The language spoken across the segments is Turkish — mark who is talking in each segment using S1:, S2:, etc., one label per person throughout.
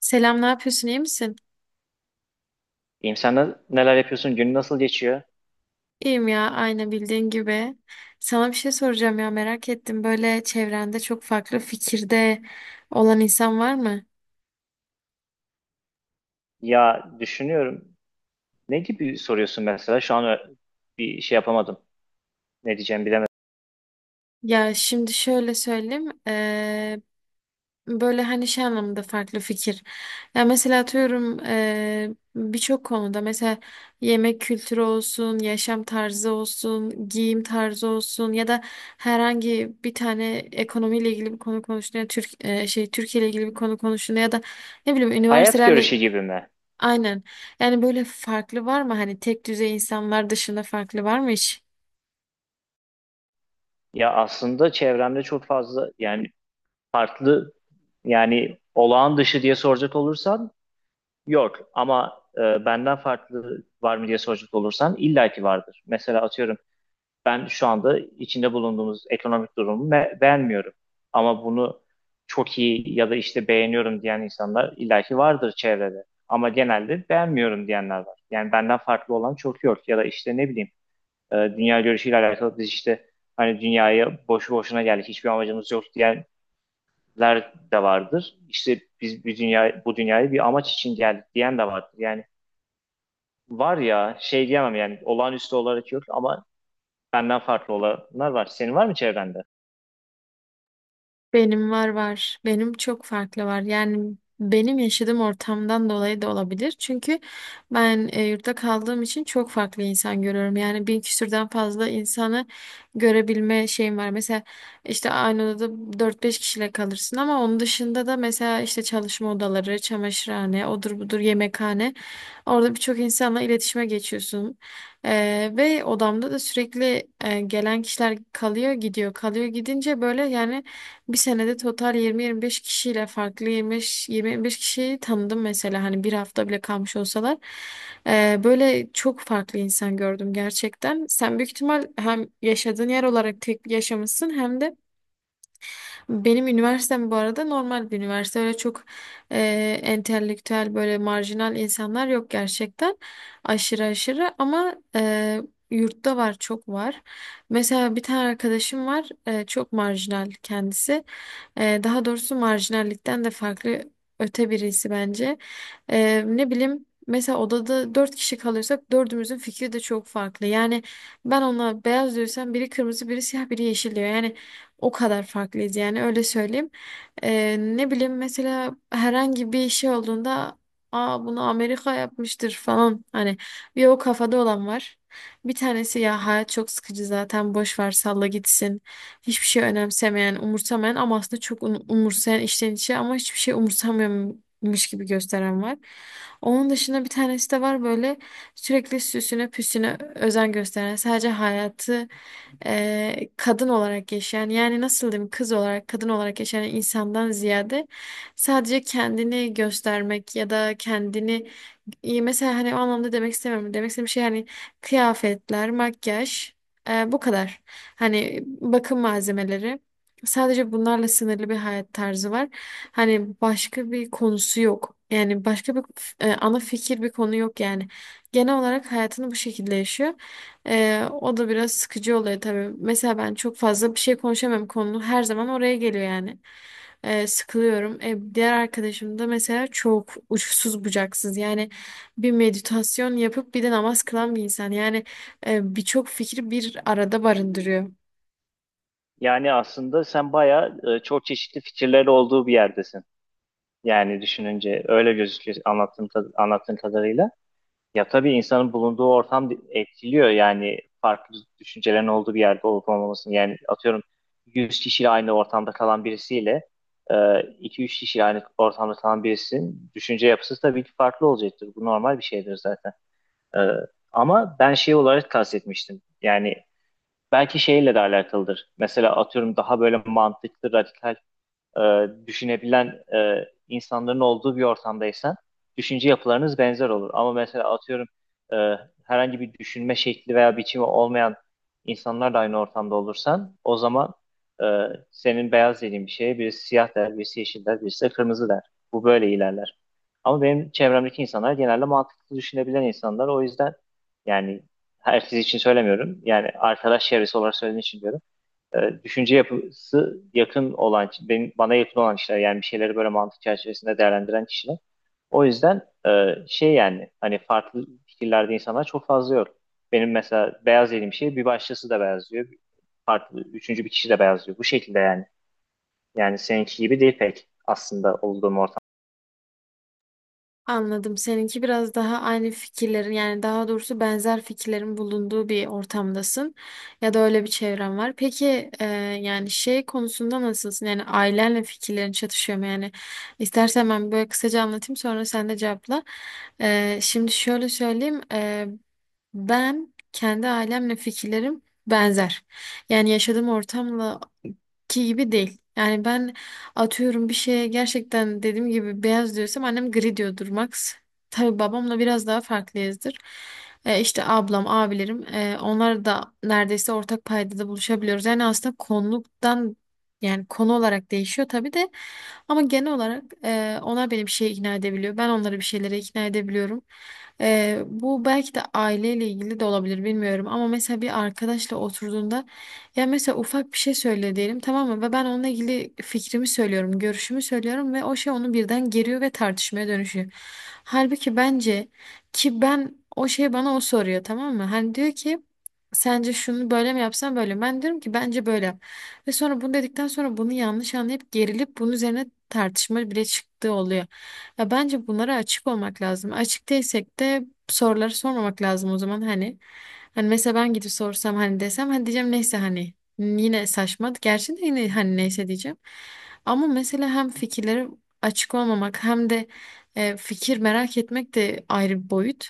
S1: Selam, ne yapıyorsun? İyi misin?
S2: İyiyim, sen neler yapıyorsun? Günün nasıl geçiyor?
S1: İyiyim ya, aynı bildiğin gibi. Sana bir şey soracağım ya, merak ettim. Böyle çevrende çok farklı fikirde olan insan var mı?
S2: Ya düşünüyorum. Ne gibi soruyorsun mesela? Şu an bir şey yapamadım. Ne diyeceğimi bilemedim.
S1: Ya şimdi şöyle söyleyeyim. Böyle hani şey anlamında farklı fikir. Ya mesela atıyorum birçok konuda mesela yemek kültürü olsun, yaşam tarzı olsun, giyim tarzı olsun ya da herhangi bir tane ekonomiyle ilgili bir konu konuştuğunda Türkiye ile ilgili bir konu konuştuğunda ya da ne bileyim
S2: Hayat
S1: üniversitelerle
S2: görüşü gibi mi?
S1: aynen. Yani böyle farklı var mı hani tek düzey insanlar dışında farklı var mı hiç?
S2: Ya aslında çevremde çok fazla, yani farklı, yani olağan dışı diye soracak olursan yok. Ama benden farklı var mı diye soracak olursan illaki vardır. Mesela atıyorum ben şu anda içinde bulunduğumuz ekonomik durumu beğenmiyorum. Ama bunu çok iyi ya da işte beğeniyorum diyen insanlar illaki vardır çevrede. Ama genelde beğenmiyorum diyenler var. Yani benden farklı olan çok yok. Ya da işte ne bileyim, dünya görüşüyle alakalı biz işte hani dünyaya boşu boşuna geldik, hiçbir amacımız yok diyenler de vardır. İşte biz bir dünya, bu dünyaya bir amaç için geldik diyen de vardır. Yani var ya, şey diyemem yani, olağanüstü olarak yok ama benden farklı olanlar var. Senin var mı çevrende?
S1: Benim var var. Benim çok farklı var. Yani benim yaşadığım ortamdan dolayı da olabilir. Çünkü ben yurtta kaldığım için çok farklı insan görüyorum. Yani bin küsürden fazla insanı görebilme şeyim var. Mesela işte aynı odada dört beş kişiyle kalırsın ama onun dışında da mesela işte çalışma odaları, çamaşırhane, odur budur yemekhane. Orada birçok insanla iletişime geçiyorsun. Ve odamda da sürekli gelen kişiler kalıyor gidiyor. Kalıyor gidince böyle yani bir senede total 20-25 kişiyle farklı 25-25 kişiyi tanıdım mesela hani bir hafta bile kalmış olsalar. Böyle çok farklı insan gördüm gerçekten. Sen büyük ihtimal hem yaşadığın yer olarak tek yaşamışsın hem de benim üniversitem bu arada normal bir üniversite. Öyle çok entelektüel böyle marjinal insanlar yok gerçekten. Aşırı aşırı ama yurtta var çok var. Mesela bir tane arkadaşım var çok marjinal kendisi. Daha doğrusu marjinallikten de farklı öte birisi bence. Ne bileyim, mesela odada dört kişi kalırsak dördümüzün fikri de çok farklı. Yani ben ona beyaz diyorsam biri kırmızı, biri siyah, biri yeşil diyor. Yani o kadar farklıyız yani öyle söyleyeyim. Ne bileyim mesela herhangi bir şey olduğunda, aa, bunu Amerika yapmıştır falan hani bir o kafada olan var. Bir tanesi ya hayat çok sıkıcı zaten boş ver salla gitsin. Hiçbir şey önemsemeyen, umursamayan ama aslında çok umursayan içten içe ama hiçbir şey umursamıyormuş gibi gösteren var. Onun dışında bir tanesi de var böyle sürekli süsüne püsüne özen gösteren, sadece hayatı kadın olarak yaşayan, yani nasıl diyeyim, kız olarak kadın olarak yaşayan insandan ziyade sadece kendini göstermek ya da kendini. İyi, mesela hani o anlamda demek istemiyorum. Demek istediğim şey hani kıyafetler, makyaj, bu kadar. Hani bakım malzemeleri. Sadece bunlarla sınırlı bir hayat tarzı var. Hani başka bir konusu yok. Yani başka bir ana fikir bir konu yok yani. Genel olarak hayatını bu şekilde yaşıyor. O da biraz sıkıcı oluyor tabii. Mesela ben çok fazla bir şey konuşamam, konu her zaman oraya geliyor yani. Sıkılıyorum. Diğer arkadaşım da mesela çok uçsuz bucaksız. Yani bir meditasyon yapıp bir de namaz kılan bir insan. Yani birçok fikri bir arada barındırıyor.
S2: Yani aslında sen bayağı çok çeşitli fikirleri olduğu bir yerdesin. Yani düşününce öyle gözüküyor anlattığın, anlattığın kadarıyla. Ya tabii insanın bulunduğu ortam etkiliyor, yani farklı düşüncelerin olduğu bir yerde olup olmamasını. Yani atıyorum 100 kişiyle aynı ortamda kalan birisiyle e, 2-3 kişiyle aynı ortamda kalan birisinin düşünce yapısı tabii ki farklı olacaktır. Bu normal bir şeydir zaten. E, Ama ben şey olarak kastetmiştim. Yani belki şeyle de alakalıdır. Mesela atıyorum daha böyle mantıklı, radikal, e, düşünebilen insanların olduğu bir ortamdaysan düşünce yapılarınız benzer olur. Ama mesela atıyorum e, herhangi bir düşünme şekli veya biçimi olmayan insanlarla aynı ortamda olursan o zaman e, senin beyaz dediğin bir şeye birisi siyah der, birisi yeşil der, birisi de kırmızı der. Bu böyle ilerler. Ama benim çevremdeki insanlar genelde mantıklı düşünebilen insanlar. O yüzden, yani herkes için söylemiyorum. Yani arkadaş çevresi olarak söylediğim için diyorum, düşünce yapısı yakın olan, benim, bana yakın olan kişiler, yani bir şeyleri böyle mantık çerçevesinde değerlendiren kişiler. O yüzden şey yani hani farklı fikirlerde insanlar çok fazla yok. Benim mesela beyaz dediğim şey bir başkası da beyaz diyor. Farklı, üçüncü bir kişi de beyaz diyor. Bu şekilde yani. Yani seninki gibi değil pek aslında olduğum ortam.
S1: Anladım. Seninki biraz daha aynı fikirlerin, yani daha doğrusu benzer fikirlerin bulunduğu bir ortamdasın ya da öyle bir çevren var. Peki yani şey konusunda nasılsın? Yani ailenle fikirlerin çatışıyor mu? Yani istersen ben böyle kısaca anlatayım sonra sen de cevapla. Şimdi şöyle söyleyeyim. Ben kendi ailemle fikirlerim benzer. Yani yaşadığım ortamla ki gibi değil. Yani ben atıyorum bir şeye gerçekten dediğim gibi beyaz diyorsam annem gri diyordur max. Tabii babamla biraz daha farklıyızdır. İşte ablam, abilerim, onlar da neredeyse ortak paydada buluşabiliyoruz. Yani aslında konuluktan, yani konu olarak değişiyor tabii de ama genel olarak onlar beni bir şeye ikna edebiliyor. Ben onları bir şeylere ikna edebiliyorum. Bu belki de aileyle ilgili de olabilir bilmiyorum ama mesela bir arkadaşla oturduğunda, ya mesela ufak bir şey söyle diyelim tamam mı, ve ben onunla ilgili fikrimi söylüyorum, görüşümü söylüyorum ve o şey onu birden geriyor ve tartışmaya dönüşüyor. Halbuki bence, ki ben o şey, bana o soruyor tamam mı? Hani diyor ki sence şunu böyle mi yapsam böyle mi? Ben diyorum ki bence böyle yap. Ve sonra bunu dedikten sonra bunu yanlış anlayıp gerilip bunun üzerine tartışma bile çıktığı oluyor. Ya bence bunlara açık olmak lazım. Açık değilsek de soruları sormamak lazım o zaman hani. Hani mesela ben gidip sorsam, hani desem, hani diyeceğim neyse, hani yine saçma. Gerçi de yine hani neyse diyeceğim. Ama mesela hem fikirleri açık olmamak hem de fikir merak etmek de ayrı bir boyut.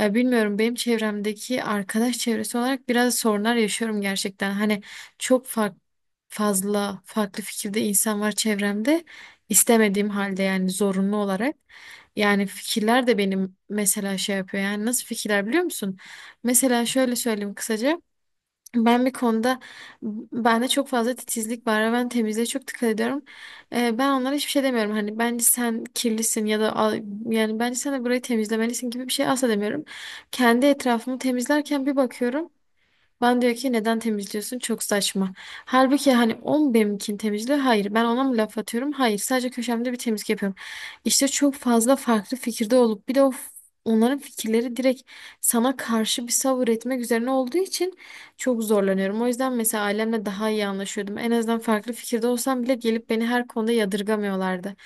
S1: Bilmiyorum, benim çevremdeki arkadaş çevresi olarak biraz sorunlar yaşıyorum gerçekten. Hani çok farklı, fazla farklı fikirde insan var çevremde istemediğim halde, yani zorunlu olarak. Yani fikirler de benim mesela şey yapıyor. Yani nasıl fikirler biliyor musun? Mesela şöyle söyleyeyim kısaca. Ben bir konuda, bende çok fazla titizlik var ve ben temizliğe çok dikkat ediyorum. Ben onlara hiçbir şey demiyorum. Hani bence sen kirlisin ya da yani bence sen de burayı temizlemelisin gibi bir şey asla demiyorum. Kendi etrafımı temizlerken bir bakıyorum. Ben diyor ki neden temizliyorsun? Çok saçma. Halbuki hani o mu benimkini temizliyor? Hayır. Ben ona mı laf atıyorum? Hayır. Sadece köşemde bir temizlik yapıyorum. İşte çok fazla farklı fikirde olup bir de onların fikirleri direkt sana karşı bir savır etmek üzerine olduğu için çok zorlanıyorum. O yüzden mesela ailemle daha iyi anlaşıyordum. En azından farklı fikirde olsam bile gelip beni her konuda yadırgamıyorlardı.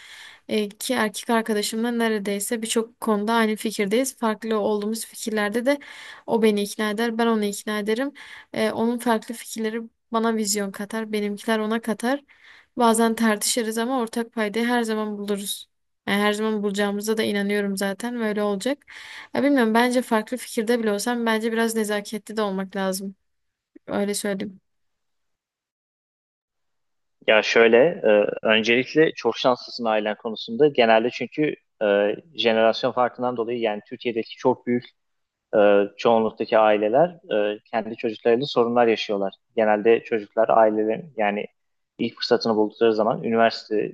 S1: Ki erkek arkadaşımla neredeyse birçok konuda aynı fikirdeyiz. Farklı olduğumuz fikirlerde de o beni ikna eder, ben onu ikna ederim. Onun farklı fikirleri bana vizyon katar, benimkiler ona katar. Bazen tartışırız ama ortak paydayı her zaman buluruz. Yani her zaman bulacağımıza da inanıyorum zaten ve öyle olacak. Ya bilmiyorum, bence farklı fikirde bile olsam bence biraz nezaketli de olmak lazım. Öyle söyleyeyim.
S2: Ya şöyle, öncelikle çok şanslısın ailen konusunda. Genelde çünkü jenerasyon farkından dolayı yani Türkiye'deki çok büyük, e, çoğunluktaki aileler kendi çocuklarıyla sorunlar yaşıyorlar. Genelde çocuklar ailelerin yani ilk fırsatını buldukları zaman üniversite,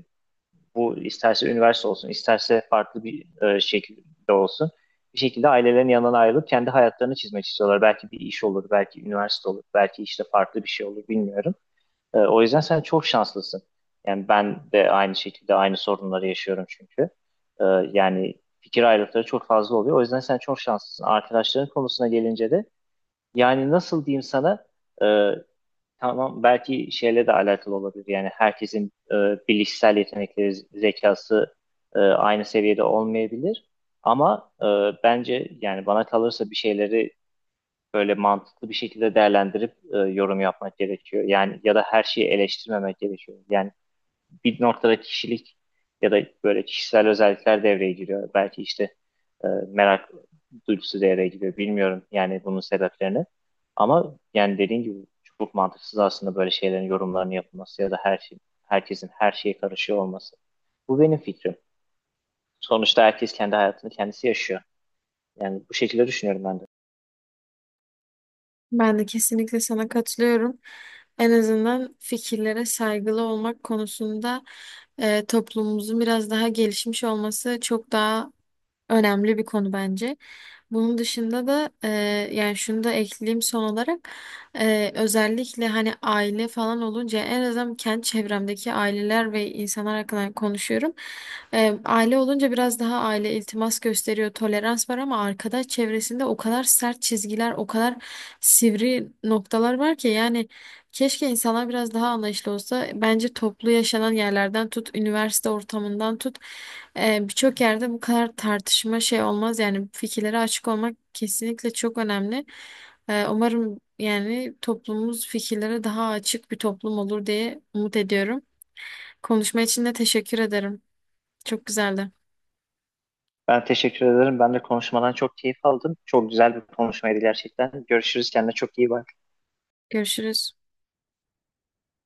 S2: bu isterse üniversite olsun isterse farklı bir şekilde olsun, bir şekilde ailelerin yanından ayrılıp kendi hayatlarını çizmek istiyorlar. Belki bir iş olur, belki üniversite olur, belki işte farklı bir şey olur bilmiyorum. O yüzden sen çok şanslısın. Yani ben de aynı şekilde aynı sorunları yaşıyorum çünkü. E, Yani fikir ayrılıkları çok fazla oluyor. O yüzden sen çok şanslısın. Arkadaşların konusuna gelince de yani nasıl diyeyim sana, e, tamam belki şeyle de alakalı olabilir. Yani herkesin bilişsel yetenekleri, zekası aynı seviyede olmayabilir. Ama bence yani bana kalırsa bir şeyleri böyle mantıklı bir şekilde değerlendirip yorum yapmak gerekiyor. Yani ya da her şeyi eleştirmemek gerekiyor. Yani bir noktada kişilik ya da böyle kişisel özellikler devreye giriyor. Belki işte merak duygusu devreye giriyor. Bilmiyorum yani bunun sebeplerini. Ama yani dediğim gibi çok mantıksız aslında böyle şeylerin yorumlarını yapılması ya da her şey, herkesin her şeye karışıyor olması. Bu benim fikrim. Sonuçta herkes kendi hayatını kendisi yaşıyor. Yani bu şekilde düşünüyorum ben de.
S1: Ben de kesinlikle sana katılıyorum. En azından fikirlere saygılı olmak konusunda toplumumuzun biraz daha gelişmiş olması çok daha önemli bir konu bence. Bunun dışında da yani şunu da ekleyeyim son olarak. Özellikle hani aile falan olunca en azından kendi çevremdeki aileler ve insanlar hakkında konuşuyorum. Aile olunca biraz daha aile iltimas gösteriyor, tolerans var ama arkadaş çevresinde o kadar sert çizgiler, o kadar sivri noktalar var ki yani. Keşke insanlar biraz daha anlayışlı olsa. Bence toplu yaşanan yerlerden tut, üniversite ortamından tut, birçok yerde bu kadar tartışma şey olmaz. Yani fikirlere açık olmak kesinlikle çok önemli. Umarım yani toplumumuz fikirlere daha açık bir toplum olur diye umut ediyorum. Konuşma için de teşekkür ederim. Çok güzeldi.
S2: Ben teşekkür ederim. Ben de konuşmadan çok keyif aldım. Çok güzel bir konuşmaydı gerçekten. Görüşürüz. Kendine çok iyi bak.
S1: Görüşürüz.